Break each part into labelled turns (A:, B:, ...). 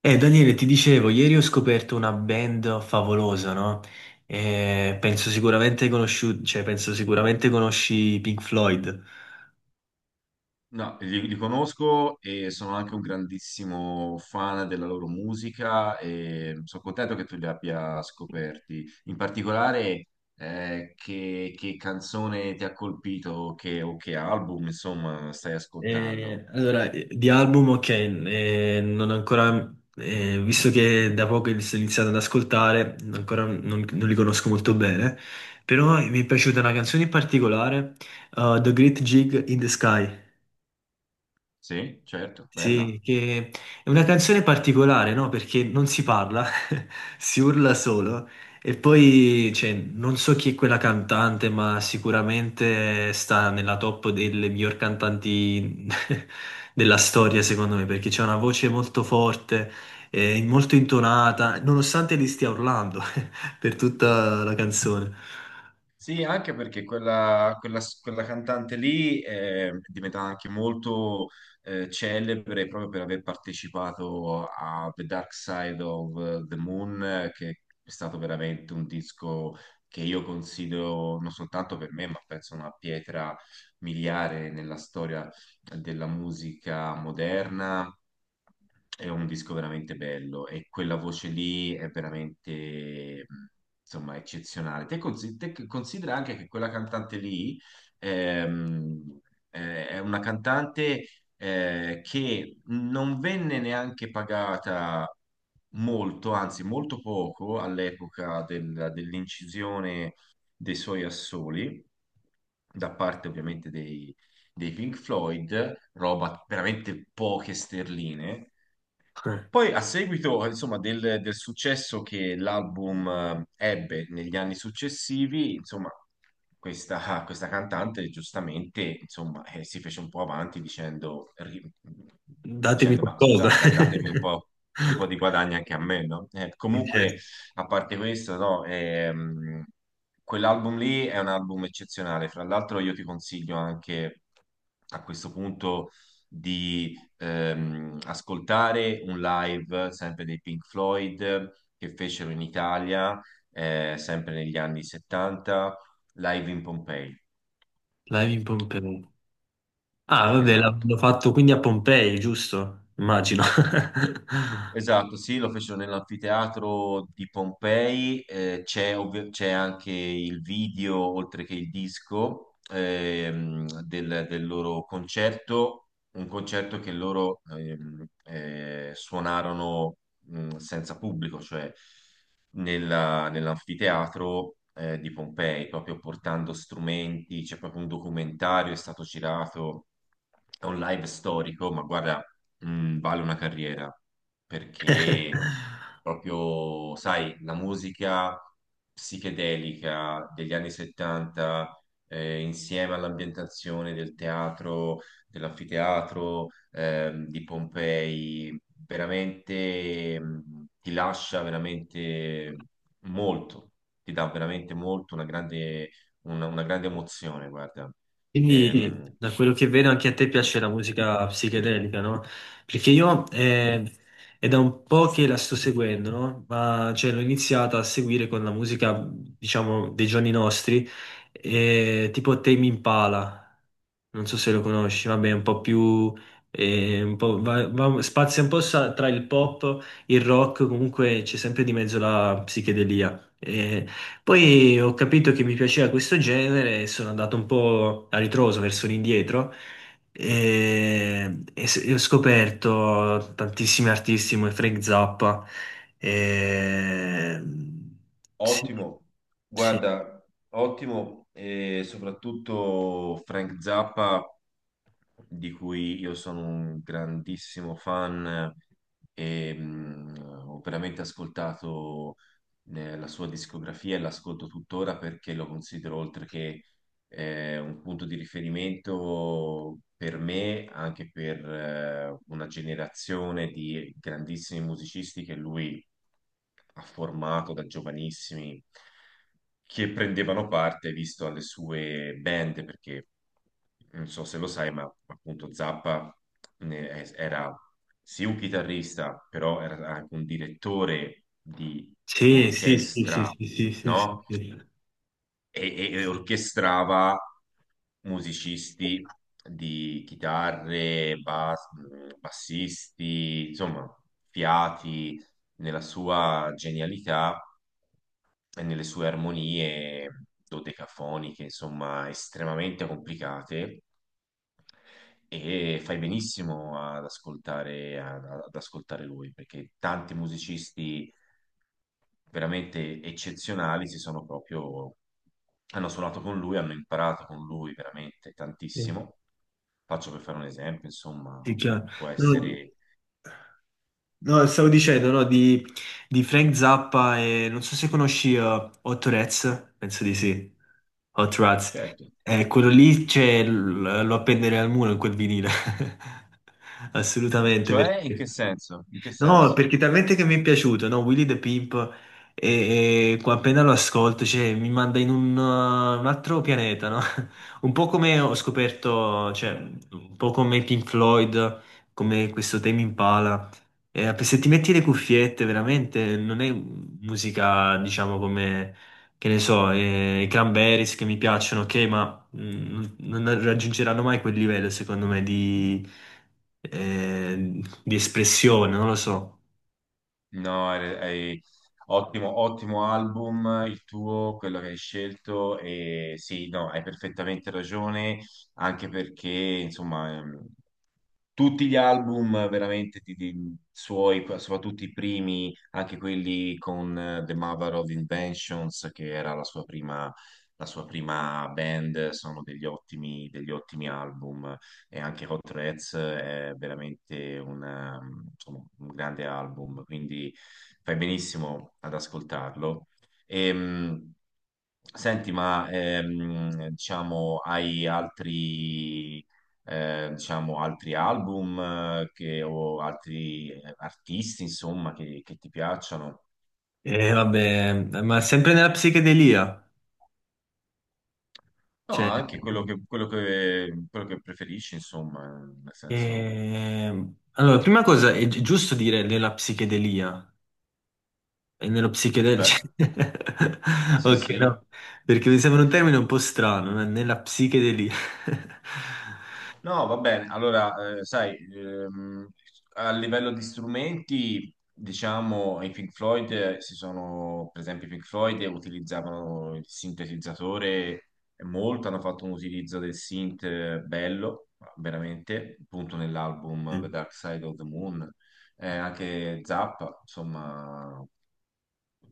A: Daniele, ti dicevo, ieri ho scoperto una band favolosa, no? Penso sicuramente cioè, penso sicuramente conosci Pink Floyd.
B: No, li conosco e sono anche un grandissimo fan della loro musica e sono contento che tu li abbia scoperti. In particolare, che canzone ti ha colpito o che album, insomma, stai ascoltando?
A: Di album, ok, non ho ancora, visto che da poco li sto iniziando ad ascoltare, ancora non li conosco molto bene, però mi è piaciuta una canzone in particolare, The Great Gig in the Sky.
B: Sì, certo, bella.
A: Sì, che è una canzone particolare, no? Perché non si parla, si urla solo. E poi, cioè, non so chi è quella cantante, ma sicuramente sta nella top delle miglior cantanti della storia, secondo me, perché c'è una voce molto forte, molto intonata, nonostante li stia urlando per tutta la canzone.
B: Sì, anche perché quella cantante lì è diventata anche molto celebre proprio per aver partecipato a The Dark Side of the Moon, che è stato veramente un disco che io considero non soltanto per me, ma penso una pietra miliare nella storia della musica moderna. È un disco veramente bello e quella voce lì è veramente, insomma, eccezionale. Te che considera anche che quella cantante lì ehm, è una cantante che non venne neanche pagata molto, anzi molto poco all'epoca dell'incisione dei suoi assoli, da parte ovviamente dei Pink Floyd, roba veramente poche sterline.
A: Eh,
B: Poi, a seguito, insomma, del successo che l'album ebbe negli anni successivi, insomma, questa cantante giustamente, insomma, si fece un po' avanti dicendo, ri-
A: Datemi
B: dicendo, ma
A: qualcosa.
B: scusate, datemi un po' di guadagno anche a me, no? Comunque,
A: Dice,
B: a parte questo, no, quell'album lì è un album eccezionale. Fra l'altro, io ti consiglio anche a questo punto di ascoltare un live sempre dei Pink Floyd che fecero in Italia, sempre negli anni 70, Live in Pompei.
A: Live in Pompeo. Ah, vabbè,
B: Esatto.
A: l'hanno fatto quindi a Pompei, giusto? Immagino.
B: Esatto, sì, lo fecero nell'anfiteatro di Pompei, c'è c'è anche il video, oltre che il disco, del loro concerto, un concerto che loro suonarono senza pubblico, cioè nell'anfiteatro di Pompei, proprio portando strumenti. C'è proprio un documentario, è stato girato, è un live storico, ma guarda, vale una carriera perché proprio, sai, la musica psichedelica degli anni 70, insieme all'ambientazione del teatro, dell'anfiteatro, di Pompei, veramente ti lascia veramente molto, ti dà veramente molto, una grande, una grande emozione, guarda.
A: Quindi,
B: Ehm,
A: da quello che vedo, anche a te piace la musica psichedelica, no? Perché io è da un po' che la sto seguendo, no? Ma cioè, l'ho iniziata a seguire con la musica, diciamo, dei giorni nostri, tipo Tame Impala. Non so se lo conosci, vabbè, è un po' più... un po', spazia un po' tra il pop, il rock, comunque c'è sempre di mezzo la psichedelia. Poi ho capito che mi piaceva questo genere e sono andato un po' a ritroso verso l'indietro e ho scoperto tantissimi artisti come Frank Zappa. E sì,
B: Ottimo,
A: sì,
B: guarda, ottimo e soprattutto Frank Zappa, di cui io sono un grandissimo fan e ho veramente ascoltato la sua discografia e l'ascolto tuttora perché lo considero oltre che un punto di riferimento per me, anche per una generazione di grandissimi musicisti che lui ha formato da giovanissimi, che prendevano parte, visto alle sue band, perché non so se lo sai, ma appunto Zappa era sì un chitarrista, però era anche un direttore di
A: sì, sì, sì, sì,
B: orchestra,
A: sì, sì, sì, sì, sì.
B: no?
A: Sì,
B: E orchestrava musicisti di chitarre, bassisti, insomma, fiati nella sua genialità e nelle sue armonie dodecafoniche, insomma, estremamente complicate. E fai benissimo ad ascoltare, ad ascoltare lui, perché tanti musicisti veramente eccezionali si sono proprio hanno suonato con lui, hanno imparato con lui veramente
A: sì,
B: tantissimo. Faccio per fare un esempio, insomma,
A: sì, chiaro.
B: può
A: No,
B: essere
A: no, stavo dicendo, no, di Frank Zappa e non so se conosci Hot Rats, penso di sì. Hot Rats.
B: certo.
A: Quello lì c'è, lo appenderei al muro in quel vinile. Assolutamente,
B: Cioè, in che
A: perché...
B: senso? In che
A: No,
B: senso?
A: perché talmente che mi è piaciuto, no? Willy the Pimp, e qua appena lo ascolto, cioè, mi manda in un un altro pianeta, no? Un po' come ho scoperto, cioè, un po' come Pink Floyd, come questo Tame Impala. E se ti metti le cuffiette, veramente non è musica, diciamo, come, che ne so, i Cranberries che mi piacciono, ok, ma non raggiungeranno mai quel livello, secondo me, di espressione, non lo so.
B: No, ottimo, ottimo album il tuo, quello che hai scelto e sì, no, hai perfettamente ragione, anche perché, insomma, tutti gli album veramente suoi, soprattutto i primi, anche quelli con The Mother of Inventions, che era la sua prima band, sono degli ottimi album. E anche Hot Rats è veramente un, insomma, un grande album, quindi fai benissimo ad ascoltarlo. Ehm, senti, ma diciamo, hai altri diciamo, altri album o altri artisti, insomma, che ti piacciono.
A: E vabbè, ma sempre nella psichedelia.
B: No,
A: Cioè,
B: anche quello che preferisci, insomma, nel senso,
A: eh, allora, prima cosa è giusto dire nella psichedelia. E nello psichedelico?
B: cioè, sì,
A: Ok,
B: sì.
A: no, perché mi sembra un termine un po' strano, né? Nella psichedelia.
B: No, va bene. Allora, sai, a livello di strumenti, diciamo, i Pink Floyd si sono, per esempio, i Pink Floyd utilizzavano il sintetizzatore molto, hanno fatto un utilizzo del synth bello, veramente, appunto nell'album
A: Sì.
B: The Dark Side of the Moon. Anche Zappa, insomma,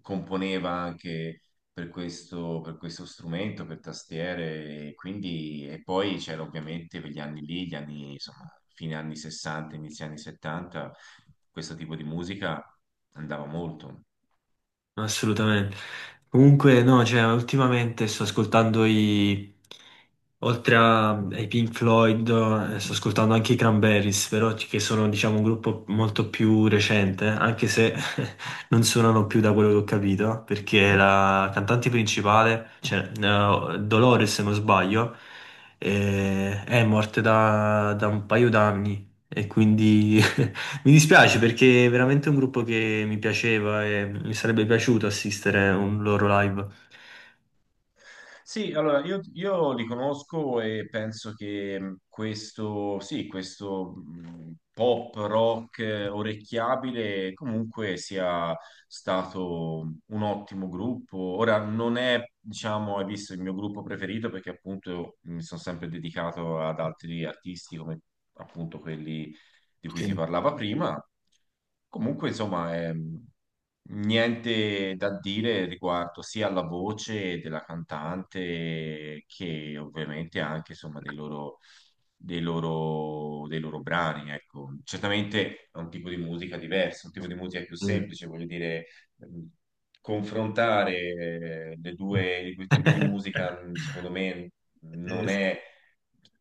B: componeva anche per questo strumento, per tastiere, e quindi, e poi c'era ovviamente per gli anni lì, gli anni, insomma, fine anni 60, inizio anni 70, questo tipo di musica andava molto.
A: Assolutamente. Comunque, no, cioè, ultimamente sto ascoltando i... Oltre ai Pink Floyd, sto ascoltando anche i Cranberries, però che sono, diciamo, un gruppo molto più recente, anche se non suonano più da quello che ho capito, perché la cantante principale, cioè, Dolores, se non sbaglio, è morta da un paio d'anni e quindi mi dispiace perché è veramente un gruppo che mi piaceva e mi sarebbe piaciuto assistere a un loro live.
B: Sì, allora io li conosco e penso che questo, sì, questo pop rock orecchiabile comunque sia stato un ottimo gruppo. Ora non è, diciamo, hai visto il mio gruppo preferito perché appunto mi sono sempre dedicato ad altri artisti come appunto quelli di cui si
A: Sì.
B: parlava prima. Comunque, insomma, niente da dire riguardo sia alla voce della cantante che ovviamente anche, insomma, dei loro brani, ecco. Certamente è un tipo di musica diverso, un tipo di musica più
A: Mm.
B: semplice, voglio dire, ehm, confrontare le due, i due tipi di musica, secondo me,
A: Eh,
B: non è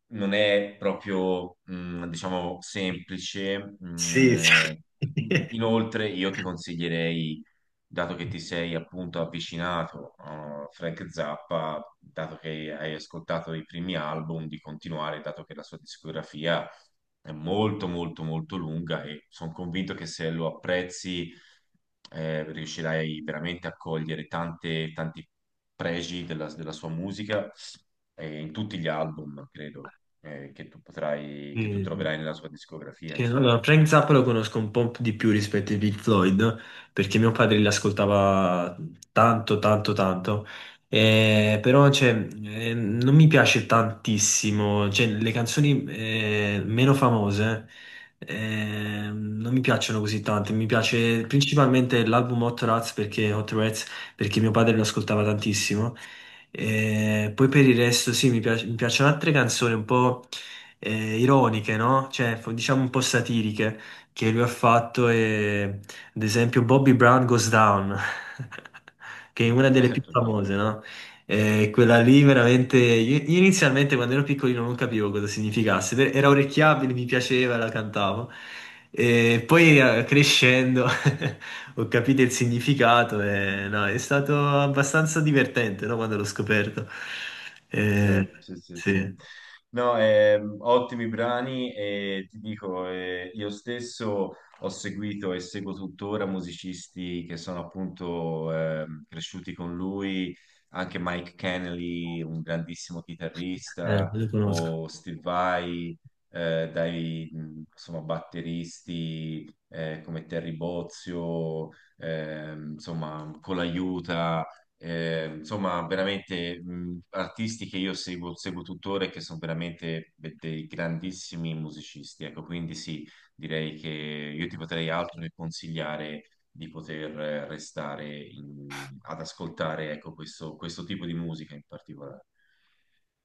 B: non è proprio, diciamo, semplice. mh,
A: sì, sì.
B: eh, inoltre, io ti consiglierei, dato che ti sei appunto avvicinato a Frank Zappa, dato che hai ascoltato i primi album, di continuare, dato che la sua discografia è molto, molto, molto lunga e sono convinto che se lo apprezzi, riuscirai veramente a cogliere tante, tanti pregi della sua musica in tutti gli album, credo, che tu potrai, che tu
A: Mm.
B: troverai nella sua discografia,
A: Sì,
B: insomma.
A: allora, Frank Zappa lo conosco un po' di più rispetto ai Pink Floyd, perché mio padre li ascoltava tanto, tanto, tanto. Però cioè, non mi piace tantissimo. Cioè, le canzoni meno famose non mi piacciono così tante, mi piace principalmente l'album Hot Rats, perché mio padre lo ascoltava tantissimo. Poi per il resto sì, mi piacciono altre canzoni un po' ironiche, no? Cioè, diciamo un po' satiriche che lui ha fatto. E, ad esempio, Bobby Brown Goes Down, che è una delle più
B: Certo,
A: famose,
B: certo.
A: no? Quella lì veramente. Io inizialmente quando ero piccolino non capivo cosa significasse, era orecchiabile, mi piaceva, la cantavo. E poi crescendo ho capito il significato e no, è stato abbastanza divertente, no, quando l'ho scoperto.
B: Sì,
A: Eh,
B: sì, sì, sì.
A: sì,
B: No, ottimi brani e ti dico, io stesso ho seguito e seguo tuttora musicisti che sono appunto cresciuti con lui, anche Mike Kennedy, un grandissimo chitarrista,
A: lo conosco.
B: o Steve Vai, dai insomma, batteristi come Terry Bozzio, insomma, con l'aiuta. Insomma, veramente artisti che io seguo, seguo tuttora e che sono veramente dei grandissimi musicisti. Ecco, quindi sì, direi che io ti potrei altro che consigliare di poter restare ad ascoltare, ecco, questo tipo di musica in particolare.